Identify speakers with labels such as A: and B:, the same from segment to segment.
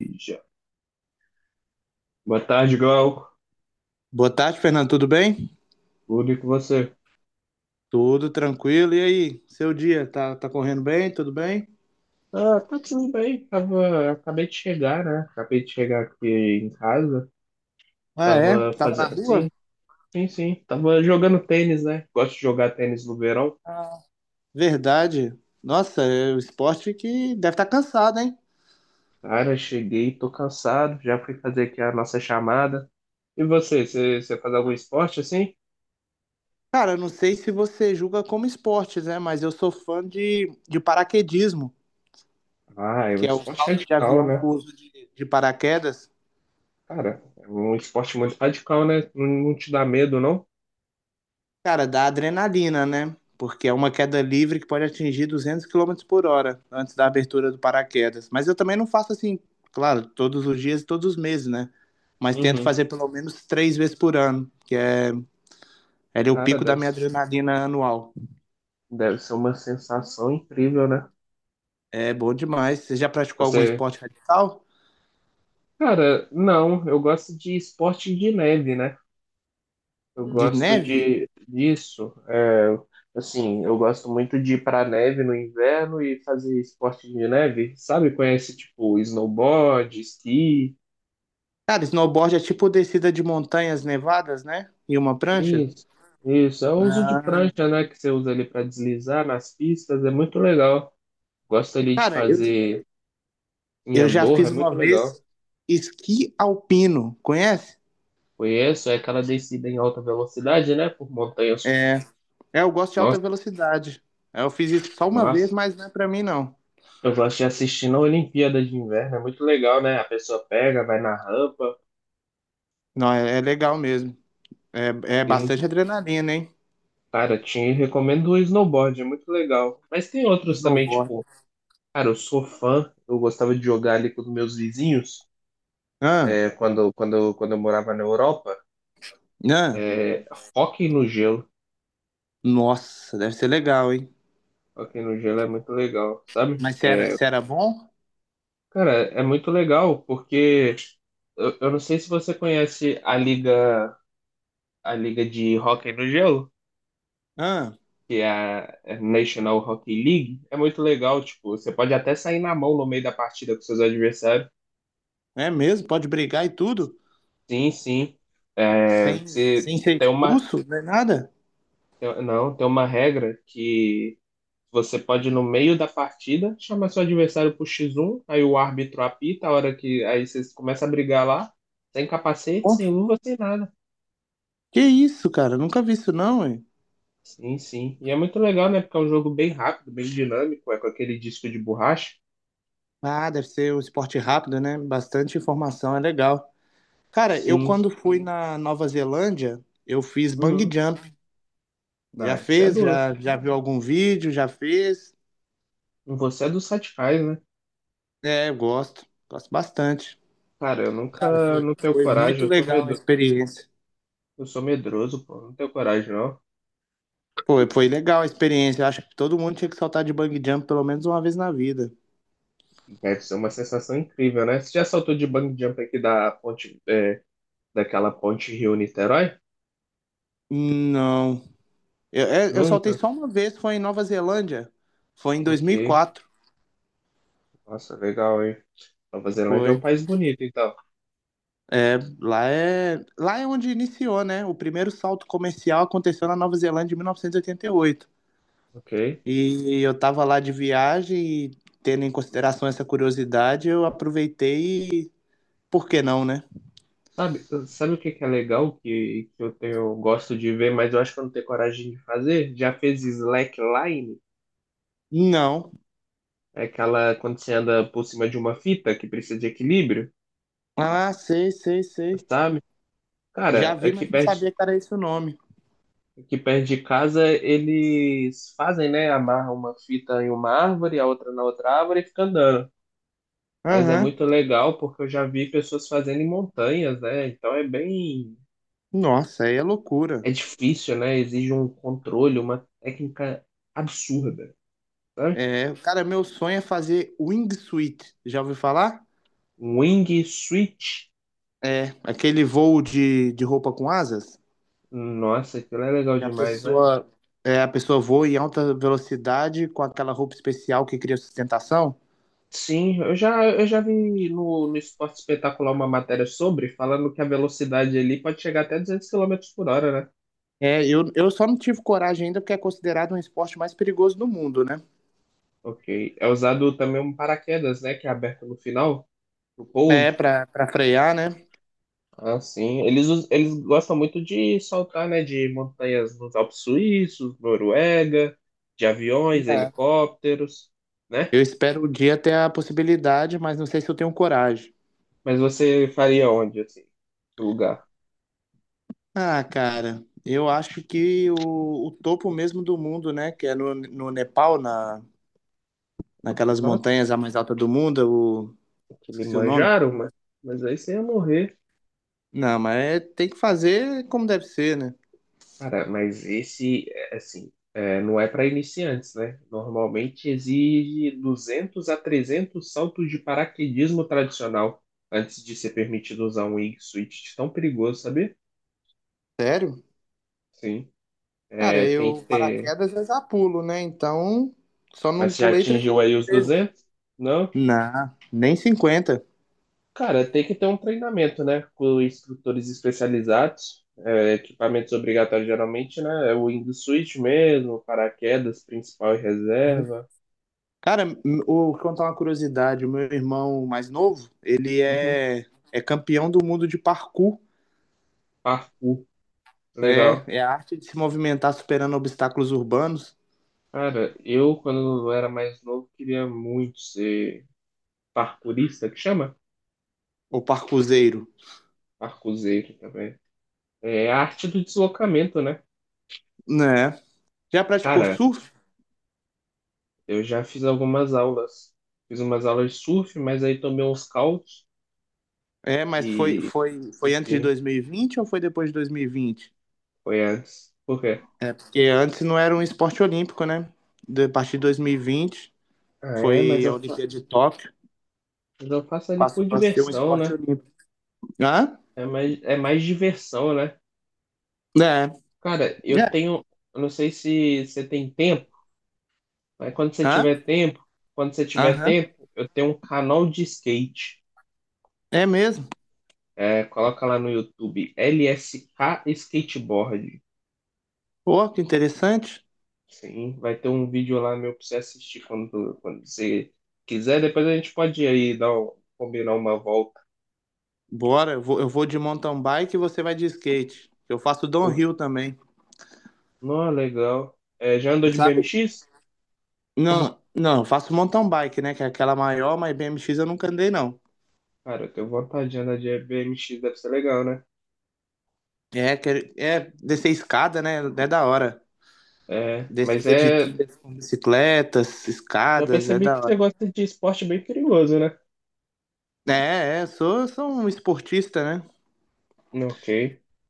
A: Já. Boa tarde, Glauco.
B: Boa tarde, Fernando. Tudo bem?
A: Tudo e com você?
B: Tudo tranquilo. E aí, seu dia? Tá correndo bem? Tudo bem?
A: Ah, tá tudo bem. Tava, acabei de chegar, né? Acabei de chegar aqui em casa.
B: Ah, é?
A: Tava
B: Tava na
A: fazendo.
B: rua?
A: Sim, sim, sim. Tava jogando tênis, né? Gosto de jogar tênis no verão.
B: Verdade. Nossa, é o esporte que deve estar cansado, hein?
A: Cara, cheguei, tô cansado. Já fui fazer aqui a nossa chamada. E você faz algum esporte assim?
B: Cara, eu não sei se você julga como esportes, né? Mas eu sou fã de paraquedismo,
A: Ah, é um
B: que é o
A: esporte
B: salto de
A: radical,
B: avião
A: né?
B: com uso de paraquedas.
A: Cara, é um esporte muito radical, né? Não, não te dá medo, não?
B: Cara, dá adrenalina, né? Porque é uma queda livre que pode atingir 200 quilômetros por hora antes da abertura do paraquedas. Mas eu também não faço assim, claro, todos os dias e todos os meses, né? Mas tento
A: Uhum.
B: fazer pelo menos três vezes por ano, é o
A: Cara,
B: pico da
A: deve,
B: minha
A: ser-
B: adrenalina anual.
A: deve ser uma sensação incrível, né?
B: É bom demais. Você já praticou algum
A: Você,
B: esporte radical?
A: cara, não, eu gosto de esporte de neve, né? Eu
B: De
A: gosto
B: neve?
A: de disso. É, assim, eu gosto muito de ir pra neve no inverno e fazer esporte de neve, sabe? Conhece tipo snowboard, esqui,
B: Cara, snowboard é tipo descida de montanhas nevadas, né? E uma prancha?
A: isso, isso. É o uso de
B: Ah,
A: prancha, né? Que você usa ali pra deslizar nas pistas, é muito legal. Gosto ali de
B: cara, eu,
A: fazer em
B: eu já
A: Andorra, é
B: fiz
A: muito
B: uma
A: legal.
B: vez esqui alpino, conhece?
A: Conheço, é aquela descida em alta velocidade, né? Por montanhas.
B: É, eu gosto de alta
A: Nossa,
B: velocidade. É, eu fiz isso só uma vez,
A: nossa.
B: mas não é pra mim, não.
A: Eu gosto de assistir na Olimpíada de Inverno, é muito legal, né? A pessoa pega, vai na rampa.
B: Não, é, é legal mesmo. É, é
A: Sim,
B: bastante adrenalina, hein?
A: cara, te recomendo o snowboard, é muito legal. Mas tem outros também,
B: Snowboard.
A: tipo, cara, eu sou fã, eu gostava de jogar ali com os meus vizinhos,
B: Ah,
A: é, quando eu morava na Europa.
B: ah,
A: É, hóquei no gelo.
B: nossa, deve ser legal, hein?
A: Hóquei no gelo é muito legal, sabe?
B: Mas se era,
A: É,
B: se era bom?
A: cara, é muito legal porque eu não sei se você conhece a liga de hóquei no gelo.
B: Ah,
A: Que é a é National Hockey League, é muito legal, tipo, você pode até sair na mão no meio da partida com seus adversários.
B: é mesmo? Pode brigar e tudo?
A: Sim, sim. É,
B: Sem,
A: você
B: sem ser
A: tem uma,
B: expulso? Não é nada?
A: não, tem uma regra que você pode no meio da partida chamar seu adversário pro X1, aí o árbitro apita a hora que aí vocês começam a brigar lá, sem capacete,
B: Pô,
A: sem luva, sem nada.
B: que isso, cara? Nunca vi isso, não, hein?
A: Sim, sim. E é muito legal, né? Porque é um jogo bem rápido, bem dinâmico, é com aquele disco de borracha.
B: Ah, deve ser um esporte rápido, né? Bastante informação, é legal. Cara, eu
A: Sim.
B: quando fui na Nova Zelândia, eu fiz bungee
A: Uhum.
B: jump. Já
A: Ah, isso é
B: fez?
A: doido.
B: Já viu algum vídeo? Já fez?
A: Você é dos radicais, né?
B: É, eu gosto. Gosto bastante.
A: Cara, eu
B: Cara,
A: nunca
B: foi,
A: não tenho
B: foi
A: coragem,
B: muito
A: eu sou
B: legal a
A: medo,
B: experiência.
A: eu sou medroso, pô, não tenho coragem, não.
B: Foi legal a experiência. Eu acho que todo mundo tinha que saltar de bungee jump pelo menos uma vez na vida.
A: Deve ser uma sensação incrível, né? Você já saltou de bungee jump aqui da ponte, daquela ponte Rio-Niterói?
B: Não. Eu, é, eu saltei
A: Nunca?
B: só uma vez, foi em Nova Zelândia. Foi em
A: Ok.
B: 2004.
A: Nossa, legal, hein? Nova Zelândia é um
B: Foi.
A: país bonito, então.
B: É, lá é onde iniciou, né? O primeiro salto comercial aconteceu na Nova Zelândia em 1988.
A: Ok.
B: E eu tava lá de viagem e tendo em consideração essa curiosidade, eu aproveitei e por que não, né?
A: Sabe o que que é legal que eu gosto de ver, mas eu acho que eu não tenho coragem de fazer? Já fez slackline?
B: Não.
A: É aquela quando você anda por cima de uma fita que precisa de equilíbrio,
B: Ah, sei, sei, sei.
A: sabe? Cara,
B: Já vi,
A: aqui
B: mas não
A: perto,
B: sabia que era esse o nome.
A: aqui perto de casa eles fazem, né? Amarram uma fita em uma árvore, a outra na outra árvore e fica andando. Mas é
B: Aham.
A: muito legal porque eu já vi pessoas fazendo em montanhas, né? Então é bem.
B: Nossa, aí é loucura.
A: É difícil, né? Exige um controle, uma técnica absurda, sabe?
B: É, cara, meu sonho é fazer wingsuit. Já ouviu falar?
A: Um Wing Switch.
B: É, aquele voo de roupa com asas?
A: Nossa, aquilo é legal
B: E a
A: demais, né?
B: pessoa, é, a pessoa voa em alta velocidade com aquela roupa especial que cria sustentação?
A: Sim, eu já vi no Esporte Espetacular uma matéria sobre, falando que a velocidade ali pode chegar até 200 km/h, né?
B: É, eu só não tive coragem ainda porque é considerado um esporte mais perigoso do mundo, né?
A: Ok. É usado também um paraquedas, né? Que é aberto no final, no
B: É,
A: pouso.
B: pra frear, né?
A: Ah, sim. Eles gostam muito de saltar, né? De montanhas nos Alpes Suíços, Noruega, de aviões,
B: É.
A: helicópteros, né?
B: Eu espero o dia ter a possibilidade, mas não sei se eu tenho coragem.
A: Mas você faria onde, assim? Que lugar?
B: Ah, cara, eu acho que o topo mesmo do mundo, né? Que é no, no Nepal, na, naquelas
A: Nossa,
B: montanhas a mais alta do mundo, o...
A: que lhe
B: esqueci o nome.
A: manjaram, mas aí você ia morrer.
B: Não, mas é- tem que fazer como deve ser, né?
A: Cara, mas esse, é, assim, é, não é para iniciantes, né? Normalmente exige 200 a 300 saltos de paraquedismo tradicional antes de ser permitido usar um Wingsuit tão perigoso, sabe?
B: Sério?
A: Sim,
B: Cara,
A: é, tem que
B: eu
A: ter.
B: paraquedas eu já pulo, né? Então, só
A: Mas
B: não
A: você já
B: pulei
A: atingiu
B: 300
A: aí os
B: vezes.
A: 200? Não?
B: Não, nem cinquenta.
A: Cara, tem que ter um treinamento, né? Com instrutores especializados, é, equipamentos obrigatórios geralmente, né? É o wingsuit mesmo, paraquedas principal e reserva.
B: Cara, m- o- vou contar uma curiosidade. O meu irmão mais novo, ele
A: Uhum.
B: é, é campeão do mundo de parkour.
A: Parkour,
B: É,
A: legal.
B: é a arte de se movimentar superando obstáculos urbanos,
A: Cara, quando eu era mais novo, queria muito ser parkourista, que chama?
B: o parkourzeiro.
A: Parkourzeiro também. É a arte do deslocamento, né?
B: Né? Já praticou
A: Cara,
B: surf?
A: eu já fiz algumas aulas. Fiz umas aulas de surf, mas aí tomei uns caldos
B: É, mas foi,
A: e
B: foi, foi antes de
A: desisti.
B: 2020 ou foi depois de 2020?
A: Foi antes. Por quê?
B: É, porque antes não era um esporte olímpico, né? De- A partir de 2020
A: Ah, é, mas
B: foi
A: eu,
B: a
A: fa-
B: Olimpíada de Tóquio,
A: mas eu faço ali por
B: passou a ser um
A: diversão,
B: esporte
A: né?
B: olímpico. Hã?
A: É mais diversão, né?
B: É,
A: Cara, eu
B: é,
A: tenho. Eu não sei se você tem tempo. Mas quando você
B: hã?
A: tiver tempo, quando você tiver
B: Aham.
A: tempo, eu tenho um canal de skate.
B: É mesmo.
A: É, coloca lá no YouTube, LSK Skateboard.
B: Pô, que interessante.
A: Sim, vai ter um vídeo lá meu pra você assistir quando você quiser. Depois a gente pode ir aí combinar uma volta.
B: Bora, eu vou de mountain bike e você vai de skate. Eu faço
A: Pô,
B: downhill também,
A: não, legal. É, já andou de
B: sabe?
A: BMX?
B: Não, não, eu faço mountain bike, né? Que é aquela maior, mas BMX eu nunca andei, não.
A: Cara, eu tenho vontade de andar de BMX, deve ser legal, né?
B: É, que- é descer escada, né? É da hora.
A: É, mas
B: Descida de
A: é.
B: trilhas com bicicletas,
A: Já
B: escadas, é
A: percebi que
B: da hora.
A: você gosta de esporte bem perigoso, né?
B: Sou um esportista, né?
A: Ok.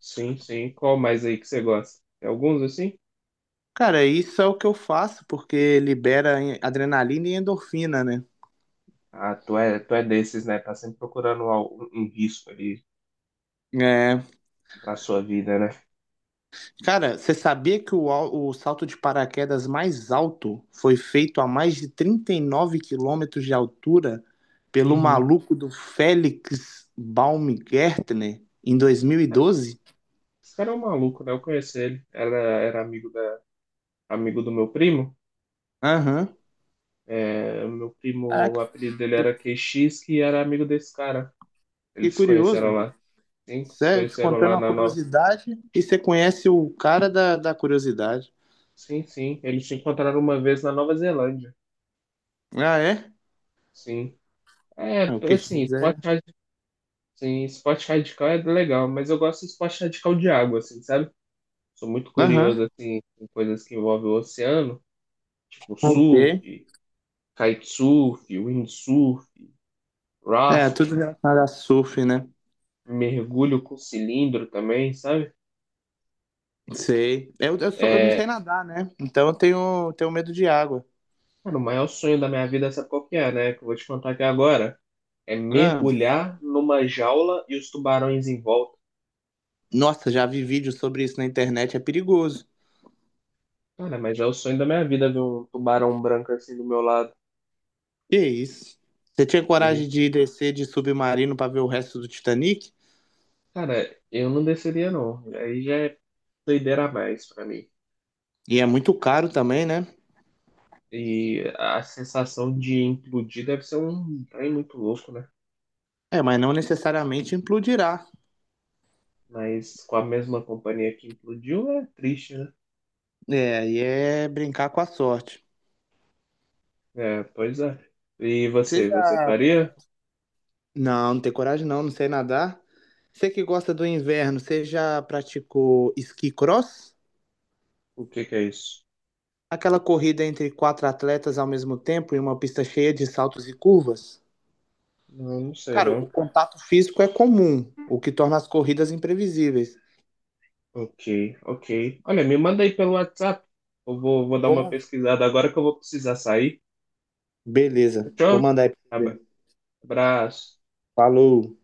A: Sim, sim. Qual mais aí que você gosta? Tem alguns assim?
B: Cara, isso é o que eu faço, porque libera em- adrenalina e endorfina, né?
A: Ah, tu é desses, né? Tá sempre procurando um risco ali
B: É.
A: pra sua vida, né?
B: Cara, você sabia que o salto de paraquedas mais alto foi feito a mais de 39 quilômetros de altura pelo
A: Uhum.
B: maluco do Felix Baumgärtner em
A: É,
B: 2012?
A: esse cara é um maluco, né? Eu conheci ele. Era amigo do meu primo.
B: Aham.
A: É, o meu primo, o
B: Caraca,
A: apelido dele
B: que,
A: era QX, que era amigo desse cara.
B: que
A: Eles se conheceram
B: curioso.
A: lá. Sim, se
B: Sério, te
A: conheceram
B: contando
A: lá
B: uma
A: na Nova.
B: curiosidade e você conhece o cara da curiosidade.
A: Sim, sim. Eles se encontraram uma vez na Nova Zelândia.
B: Ah, é?
A: Sim. É,
B: Ah, o que
A: assim, pode
B: quiser.
A: Sim, esporte radical é legal, mas eu gosto de esporte radical de água, assim, sabe? Sou muito curioso,
B: Aham.
A: assim, em coisas que envolvem o oceano, tipo
B: Ok.
A: surf, kitesurf, windsurf,
B: É,
A: raft,
B: tudo relacionado a surf, né?
A: mergulho com cilindro também, sabe?
B: Sei. Sou- eu não sei nadar, né? Então eu tenho, tenho medo de água.
A: Cara, o maior sonho da minha vida, sabe qual que é, né? Que eu vou te contar aqui agora. É
B: Ah,
A: mergulhar numa jaula e os tubarões em volta.
B: nossa, já vi vídeos sobre isso na internet, é perigoso.
A: Cara, mas é o sonho da minha vida ver um tubarão branco assim do meu lado.
B: Que isso? Você tinha coragem de
A: Sim.
B: descer de submarino pra ver o resto do Titanic?
A: Cara, eu não desceria não. Aí já é doideira a mais pra mim.
B: E é muito caro também, né?
A: E a sensação de implodir deve ser um trem muito louco, né?
B: É, mas não necessariamente implodirá.
A: Mas com a mesma companhia que implodiu é triste, né?
B: É, e é brincar com a sorte.
A: É, pois é. E
B: Você
A: você
B: já.
A: faria?
B: Não, não tem coragem não, não sei nadar. Você que gosta do inverno, você já praticou esqui cross?
A: O que que é isso?
B: Aquela corrida entre quatro atletas ao mesmo tempo em uma pista cheia de saltos e curvas.
A: Não, não sei
B: Cara, o
A: não.
B: contato físico é comum, o que torna as corridas imprevisíveis.
A: Ok, ok. Olha, me manda aí pelo WhatsApp. Eu vou dar uma
B: Vamos.
A: pesquisada agora que eu vou precisar sair.
B: Beleza, vou
A: Fechou?
B: mandar aí pra você
A: Abra-
B: ver.
A: Abraço.
B: Falou.